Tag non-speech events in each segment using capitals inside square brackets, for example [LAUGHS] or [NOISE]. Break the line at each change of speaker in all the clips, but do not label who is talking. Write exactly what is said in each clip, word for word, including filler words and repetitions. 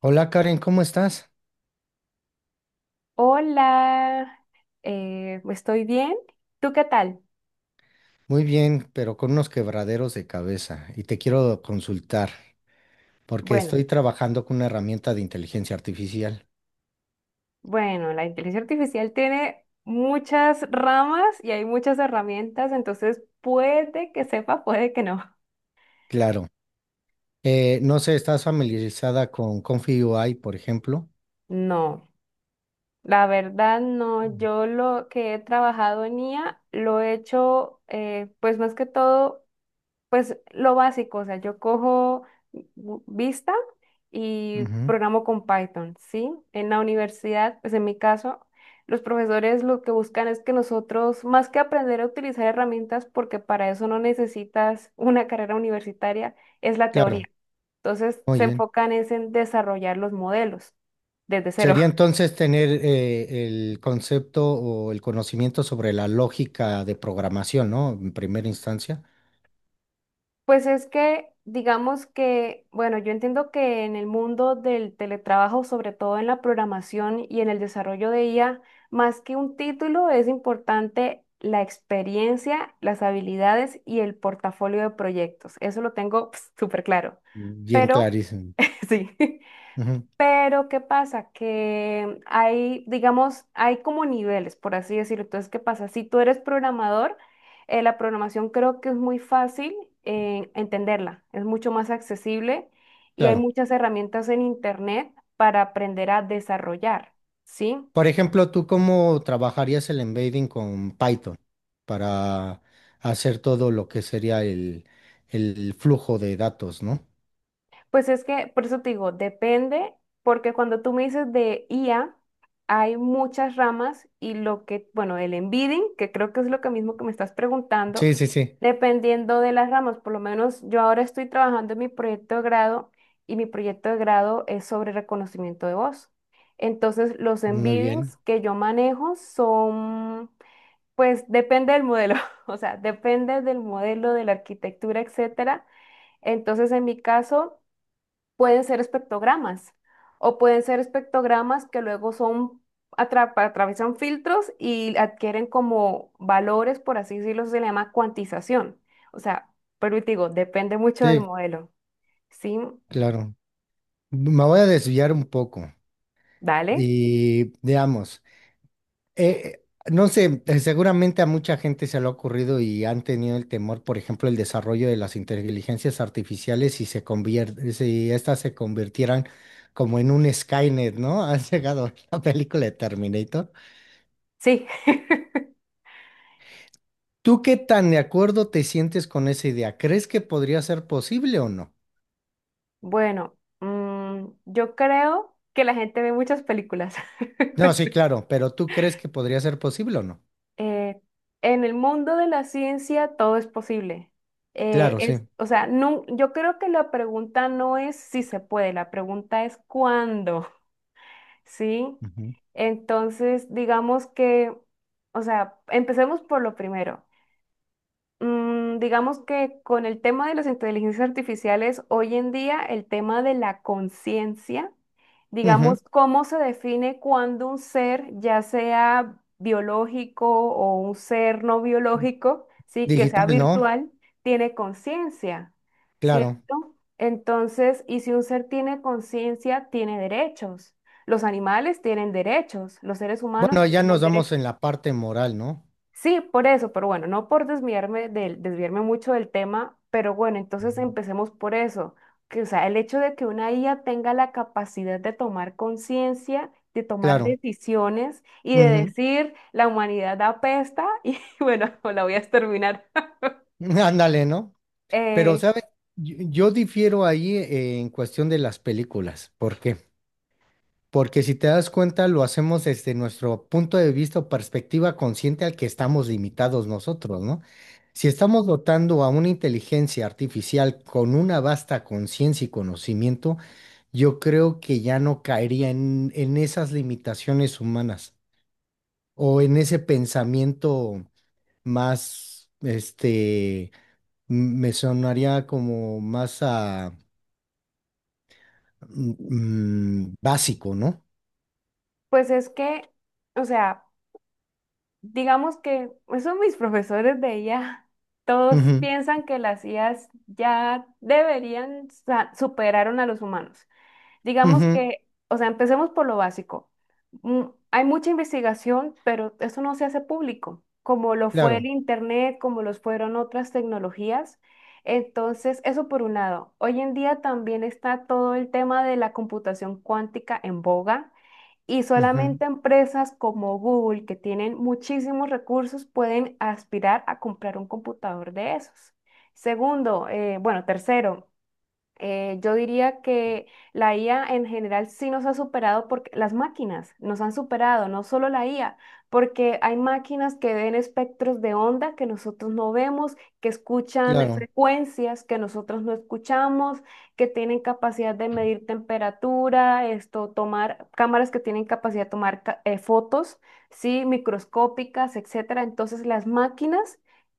Hola Karen, ¿cómo estás?
Hola, eh, estoy bien. ¿Tú qué tal?
Muy bien, pero con unos quebraderos de cabeza y te quiero consultar porque
Bueno,
estoy trabajando con una herramienta de inteligencia artificial.
bueno, la inteligencia artificial tiene muchas ramas y hay muchas herramientas, entonces puede que sepa, puede que no.
Claro. Eh, no sé, ¿estás familiarizada con Confi U I, por ejemplo?
No, la verdad no. Yo lo que he trabajado en I A lo he hecho, eh, pues más que todo. Pues lo básico, o sea, yo cojo Gu- Vista y
Ujú.
programo con Python, ¿sí? En la universidad, pues en mi caso, los profesores lo que buscan es que nosotros, más que aprender a utilizar herramientas, porque para eso no necesitas una carrera universitaria, es la
Claro,
teoría. Entonces
muy
se
bien.
enfocan es en desarrollar los modelos desde cero.
Sería entonces tener eh, el concepto o el conocimiento sobre la lógica de programación, ¿no? En primera instancia.
Pues es que, digamos que, bueno, yo entiendo que en el mundo del teletrabajo, sobre todo en la programación y en el desarrollo de I A, más que un título, es importante la experiencia, las habilidades y el portafolio de proyectos. Eso lo tengo pf, súper claro.
Bien
Pero,
clarísimo.
[LAUGHS] sí.
Ujú.
Pero, ¿qué pasa? Que hay, digamos, hay como niveles, por así decirlo. Entonces, ¿qué pasa? Si tú eres programador, eh, la programación creo que es muy fácil eh, entenderla, es mucho más accesible y hay
Claro.
muchas herramientas en Internet para aprender a desarrollar, ¿sí?
Por ejemplo, ¿tú cómo trabajarías el embedding con Python para hacer todo lo que sería el, el flujo de datos, ¿no?
Pues es que, por eso te digo, depende, porque cuando tú me dices de I A, hay muchas ramas y lo que, bueno, el embedding, que creo que es lo que mismo que me estás preguntando,
Sí, sí, sí.
dependiendo de las ramas, por lo menos yo ahora estoy trabajando en mi proyecto de grado y mi proyecto de grado es sobre reconocimiento de voz. Entonces, los
Muy
embeddings
bien.
que yo manejo son, pues depende del modelo, [LAUGHS] o sea, depende del modelo, de la arquitectura, etcétera. Entonces, en mi caso pueden ser espectrogramas o pueden ser espectrogramas que luego son atra- atraviesan filtros y adquieren como valores, por así decirlo, se le llama cuantización. O sea, pero te digo, depende mucho del
Sí,
modelo. Sí,
claro. Me voy a desviar un poco.
dale.
Y veamos. Eh, no sé, eh, seguramente a mucha gente se le ha ocurrido y han tenido el temor, por ejemplo, el desarrollo de las inteligencias artificiales si se convier- si estas se convirtieran como en un Skynet, ¿no? [LAUGHS] Has llegado a la película de Terminator.
Sí. [LAUGHS]
¿Tú qué tan de acuerdo te sientes con esa idea? ¿Crees que podría ser posible o no?
Bueno, mm, yo creo que la gente ve muchas películas.
No, sí, claro, pero ¿tú crees que podría ser posible o no?
eh, en el mundo de la ciencia todo es posible. Eh,
Claro,
es,
sí.
o sea, no, yo creo que la pregunta no es si se puede, la pregunta es cuándo, [LAUGHS] ¿sí?
Ujú.
Entonces, digamos que, o sea, empecemos por lo primero. Mm, digamos que con el tema de las inteligencias artificiales, hoy en día el tema de la conciencia,
Ujú.
digamos, cómo se define cuando un ser, ya sea biológico o un ser no biológico, sí, que sea
Digital, ¿no?
virtual, tiene conciencia,
Claro.
¿cierto? Entonces, y si un ser tiene conciencia, tiene derechos. Los animales tienen derechos, los seres humanos
Bueno, ya nos
tenemos derechos.
vamos en la parte moral, ¿no?
Sí, por eso, pero bueno, no por desviarme del, desviarme mucho del tema, pero bueno, entonces
Ujú.
empecemos por eso, que o sea, el hecho de que una I A tenga la capacidad de tomar conciencia, de tomar
Claro.
decisiones y de
Ujú.
decir la humanidad apesta [LAUGHS] y bueno, [LAUGHS] la voy a exterminar. [LAUGHS]
[LAUGHS] Ándale, ¿no? Pero,
Eh,
¿sabes? Yo, yo difiero ahí eh, en cuestión de las películas. ¿Por qué? Porque si te das cuenta, lo hacemos desde nuestro punto de vista o perspectiva consciente al que estamos limitados nosotros, ¿no? Si estamos dotando a una inteligencia artificial con una vasta conciencia y conocimiento, yo creo que ya no caería en, en esas limitaciones humanas o en ese pensamiento más, este me sonaría como más a mm, mm, básico, ¿no?
pues es que, o sea, digamos que esos mis profesores de I A, todos
Ujú,
piensan que las I As ya deberían sa- superar a los humanos. Digamos
ujú,
que, o sea, empecemos por lo básico. Mm, Hay mucha investigación, pero eso no se hace público, como lo fue el
claro,
Internet, como los fueron otras tecnologías. Entonces, eso por un lado. Hoy en día también está todo el tema de la computación cuántica en boga. Y
ujú,
solamente empresas como Google, que tienen muchísimos recursos, pueden aspirar a comprar un computador de esos. Segundo, eh, bueno, tercero, eh, yo diría que la I A en general sí nos ha superado porque las máquinas nos han superado, no solo la I A, porque hay máquinas que ven espectros de onda que nosotros no vemos, que escuchan
claro,
frecuencias que nosotros no escuchamos, que tienen capacidad de medir temperatura, esto, tomar cámaras que tienen capacidad de tomar ca- eh, fotos, sí, microscópicas, etcétera. Entonces las máquinas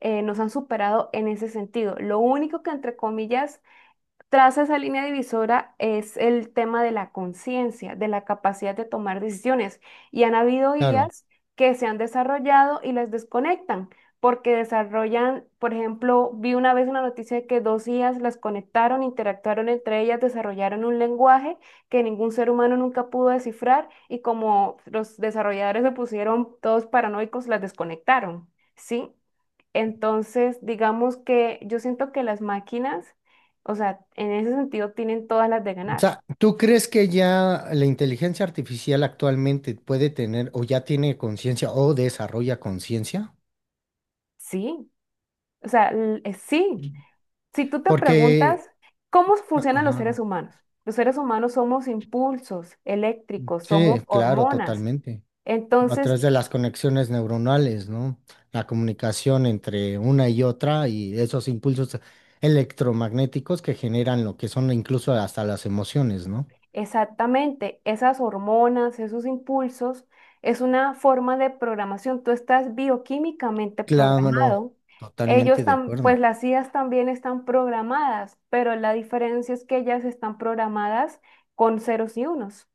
eh, nos han superado en ese sentido. Lo único que entre comillas Traza esa línea divisora es el tema de la conciencia, de la capacidad de tomar decisiones. Y han habido
claro.
I As que se han desarrollado y las desconectan, porque desarrollan, por ejemplo, vi una vez una noticia de que dos I As las conectaron, interactuaron entre ellas, desarrollaron un lenguaje que ningún ser humano nunca pudo descifrar y como los desarrolladores se pusieron todos paranoicos, las desconectaron, ¿sí? Entonces, digamos que yo siento que las máquinas o sea, en ese sentido tienen todas las de
O
ganar.
sea, ¿tú crees que ya la inteligencia artificial actualmente puede tener o ya tiene conciencia o desarrolla conciencia?
Sí, o sea, l- eh, sí. Si tú te
Porque,
preguntas cómo funcionan los
ajá,
seres humanos, los seres humanos somos impulsos eléctricos,
sí,
somos
claro,
hormonas.
totalmente.
Entonces,
Atrás de las conexiones neuronales, ¿no? La comunicación entre una y otra y esos impulsos electromagnéticos que generan lo que son incluso hasta las emociones, ¿no?
exactamente, esas hormonas, esos impulsos, es una forma de programación. Tú estás bioquímicamente
Claro,
programado. Ellos
totalmente de
tam- pues
acuerdo.
las I As también están programadas, pero la diferencia es que ellas están programadas con ceros y unos.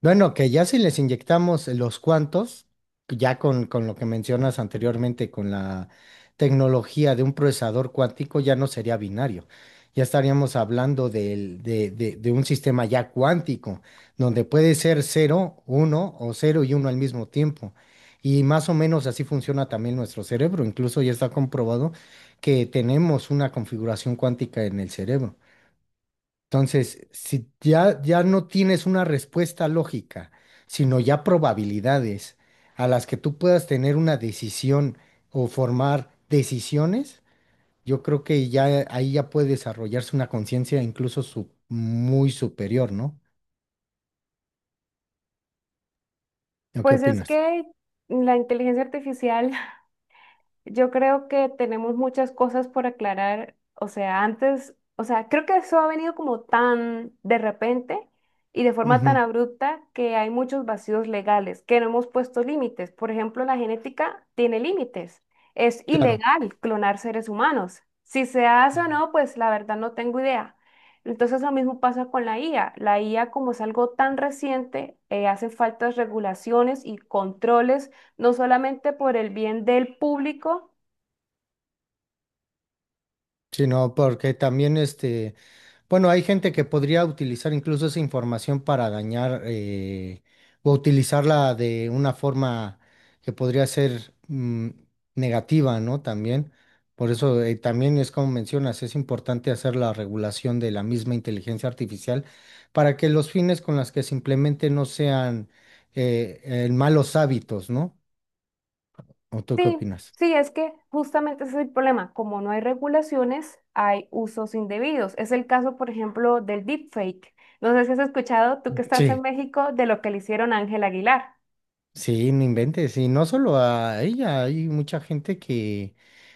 Bueno, que ya si les inyectamos los cuantos, ya con, con lo que mencionas anteriormente, con la tecnología de un procesador cuántico, ya no sería binario. Ya estaríamos hablando del- de, de- de un sistema ya cuántico, donde puede ser cero, uno o cero y uno al mismo tiempo. Y más o menos así funciona también nuestro cerebro. Incluso ya está comprobado que tenemos una configuración cuántica en el cerebro. Entonces, si ya, ya no tienes una respuesta lógica, sino ya probabilidades a las que tú puedas tener una decisión o formar decisiones, yo creo que ya ahí ya puede desarrollarse una conciencia incluso su- muy superior, ¿no? ¿O ¿Qué
Pues es
opinas?
que la inteligencia artificial, yo creo que tenemos muchas cosas por aclarar. O sea, antes, o sea, creo que eso ha venido como tan de repente y de forma tan
Ujú,
abrupta que hay muchos vacíos legales, que no hemos puesto límites. Por ejemplo, la genética tiene límites. Es
claro.
ilegal clonar seres humanos. Si se hace o no, pues la verdad no tengo idea. Entonces lo mismo pasa con la I A. La I A, como es algo tan reciente, eh, hacen falta regulaciones y controles no solamente por el bien del público.
Sí, no, porque también este bueno, hay gente que podría utilizar incluso esa información para dañar eh, o utilizarla de una forma que podría ser mm, negativa, ¿no? También. Por eso eh, también es como mencionas, es importante hacer la regulación de la misma inteligencia artificial para que los fines con los que se implemente no sean eh, en malos hábitos, ¿no? ¿O tú qué
Sí,
opinas?
sí, es que justamente ese es el problema. Como no hay regulaciones, hay usos indebidos. Es el caso, por ejemplo, del deepfake. No sé si has escuchado, tú que estás en
Sí.
México, de lo que le hicieron a Ángel Aguilar.
Sí, no inventes, y no solo a ella, hay mucha gente que,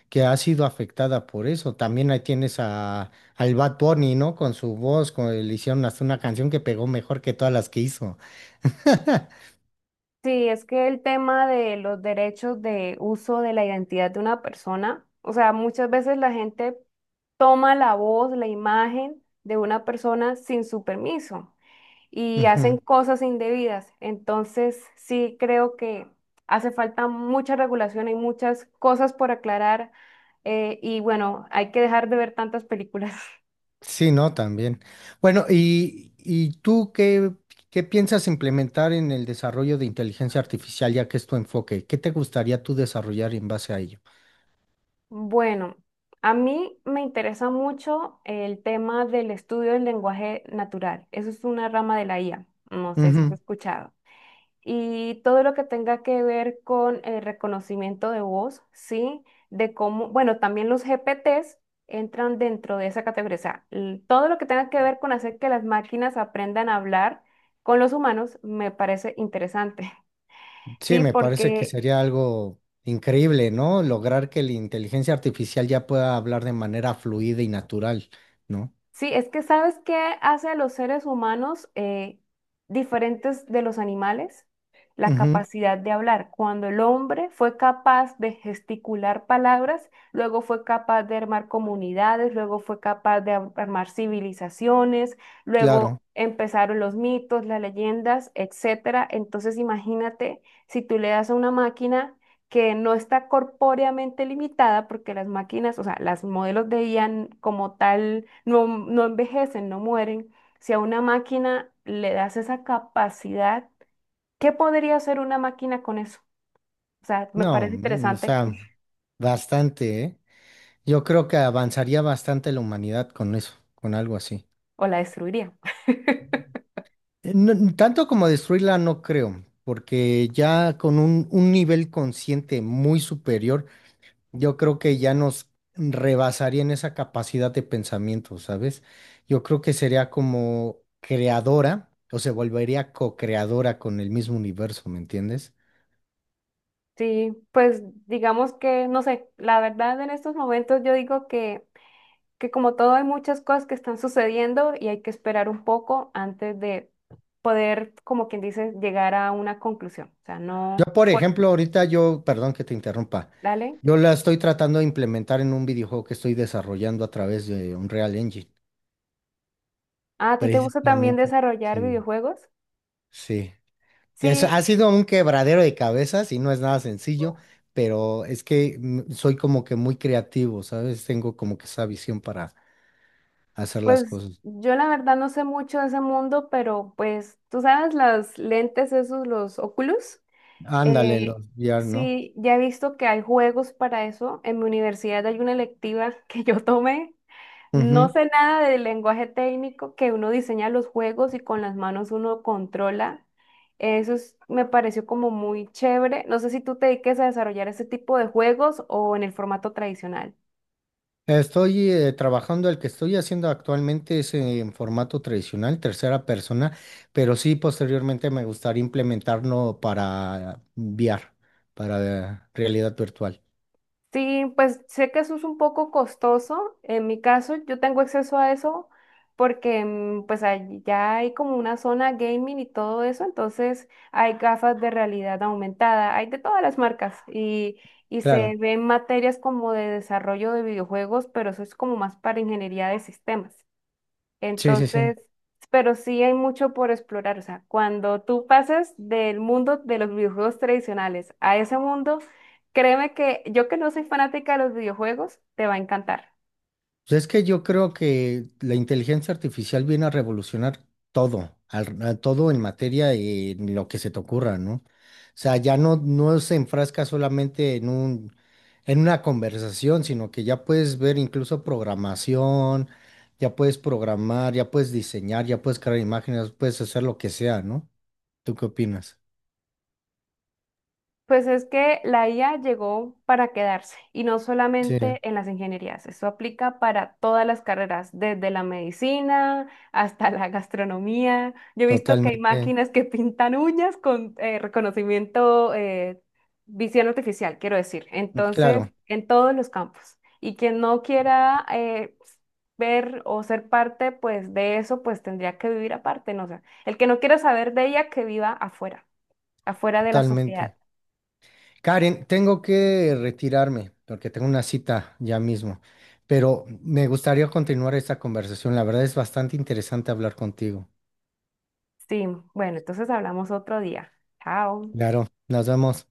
que ha sido afectada por eso. También ahí tienes a, al Bad Bunny, ¿no? Con su voz, con, le hicieron hasta una canción que pegó mejor que todas las que hizo. [LAUGHS]
Sí, es que el tema de los derechos de uso de la identidad de una persona, o sea, muchas veces la gente toma la voz, la imagen de una persona sin su permiso. Y hacen
Ujú.
cosas indebidas. Entonces, sí creo que hace falta mucha regulación, hay muchas cosas por aclarar eh, y bueno, hay que dejar de ver tantas películas. [LAUGHS]
Sí, no, también. Bueno, ¿y, y tú qué, ¿qué piensas implementar en el desarrollo de inteligencia artificial, ya que es tu enfoque? ¿Qué te gustaría tú desarrollar en base a ello?
Bueno, a mí me interesa mucho el tema del estudio del lenguaje natural. Eso es una rama de la I A. No sé si has escuchado. Y todo lo que tenga que ver con el reconocimiento de voz, ¿sí? De cómo, bueno, también los G P Ts entran dentro de esa categoría, o sea, l- todo lo que tenga que ver con hacer que las máquinas aprendan a hablar con los humanos me parece interesante, [LAUGHS]
Sí,
¿sí?
me parece que
Porque.
sería algo increíble, ¿no? Lograr que la inteligencia artificial ya pueda hablar de manera fluida y natural, ¿no?
Sí, es que ¿sabes qué hace a los seres humanos eh, diferentes de los animales? La
Ujú,
capacidad de hablar. Cuando el hombre fue capaz de gesticular palabras, luego fue capaz de armar comunidades, luego fue capaz de ar- armar civilizaciones,
claro.
luego empezaron los mitos, las leyendas, etcétera. Entonces imagínate si tú le das a una máquina que no está corpóreamente limitada porque las máquinas, o sea, las modelos de I A n- como tal no, no envejecen, no mueren. Si a una máquina le das esa capacidad, ¿qué podría hacer una máquina con eso? O sea, me
No,
parece
man, o
interesante
sea,
[LAUGHS]
bastante, ¿eh? Yo creo que avanzaría bastante la humanidad con eso, con algo así.
o la destruiría. [LAUGHS]
Eh, no- n- tanto como destruirla, no creo, porque ya con un, un nivel consciente muy superior yo creo que ya nos rebasaría en esa capacidad de pensamiento, ¿sabes? Yo creo que sería como creadora o se volvería co-creadora con el mismo universo, ¿me entiendes?
Sí, pues digamos que, no sé, la verdad en estos momentos yo digo que que como todo hay muchas cosas que están sucediendo y hay que esperar un poco antes de poder, como quien dice, llegar a una conclusión. O sea,
Yo,
no,
por
por,
ejemplo, ahorita yo, perdón que te interrumpa,
dale.
yo la estoy tratando de implementar en un videojuego que estoy desarrollando a través de Unreal Engine,
Ah, ¿a ti te gusta también
precisamente.
desarrollar
Sí.
videojuegos?
Sí. Eso ha
Sí,
sido un quebradero de cabezas y no es nada sencillo, pero es que mm, soy como que muy creativo, ¿sabes? Tengo como que esa visión para hacer las
pues
cosas.
yo la verdad no sé mucho de ese mundo, pero pues tú sabes, las lentes esos, los Oculus,
Ándale, los
eh,
V R, ¿no?
sí, ya he visto que hay juegos para eso. En mi universidad hay una electiva [LAUGHS] que yo tomé. No
Ujú.
sé nada del lenguaje técnico que uno diseña los juegos y con las manos uno controla. Eso es- me pareció como muy chévere. No sé si tú te dediques a desarrollar ese tipo de juegos o en el formato tradicional.
Estoy eh, trabajando, el que estoy haciendo actualmente es en formato tradicional, tercera persona, pero sí posteriormente me gustaría implementarlo para V R, para eh, realidad virtual.
Sí, pues sé que eso es un poco costoso. En mi caso, yo tengo acceso a eso porque mm, pues ahí ya hay como una zona gaming y todo eso, entonces hay gafas de realidad aumentada, hay de todas las marcas y, y
Claro,
se ven materias como de desarrollo de videojuegos, pero eso es como más para ingeniería de sistemas.
sí, sí, sí.
Entonces, pero sí hay mucho por explorar. O sea, cuando tú pasas del mundo de los videojuegos tradicionales a ese mundo, créeme que yo que no soy fanática de los videojuegos, te va a encantar.
Pues es que yo creo que la inteligencia artificial viene a revolucionar todo, al- a todo en materia y en lo que se te ocurra, ¿no? O sea, ya no, no se enfrasca solamente en un, en una conversación, sino que ya puedes ver incluso programación, ya puedes programar, ya puedes diseñar, ya puedes crear imágenes, puedes hacer lo que sea, ¿no? ¿Tú qué opinas?
Pues es que la I A llegó para quedarse y no
Sí,
solamente en las ingenierías, eso aplica para todas las carreras, desde la medicina hasta la gastronomía. Yo he visto que hay
totalmente.
máquinas que pintan uñas con eh, reconocimiento, eh, visión artificial, quiero decir, entonces
Claro,
en todos los campos. Y quien no quiera eh, ver o ser parte pues de eso, pues tendría que vivir aparte, no sé. El que no quiera saber de ella, que viva afuera, afuera de la
totalmente.
sociedad.
Karen, tengo que retirarme porque tengo una cita ya mismo, pero me gustaría continuar esta conversación. La verdad es bastante interesante hablar contigo.
Sí, bueno, entonces hablamos otro día. Chao.
Claro, nos vemos.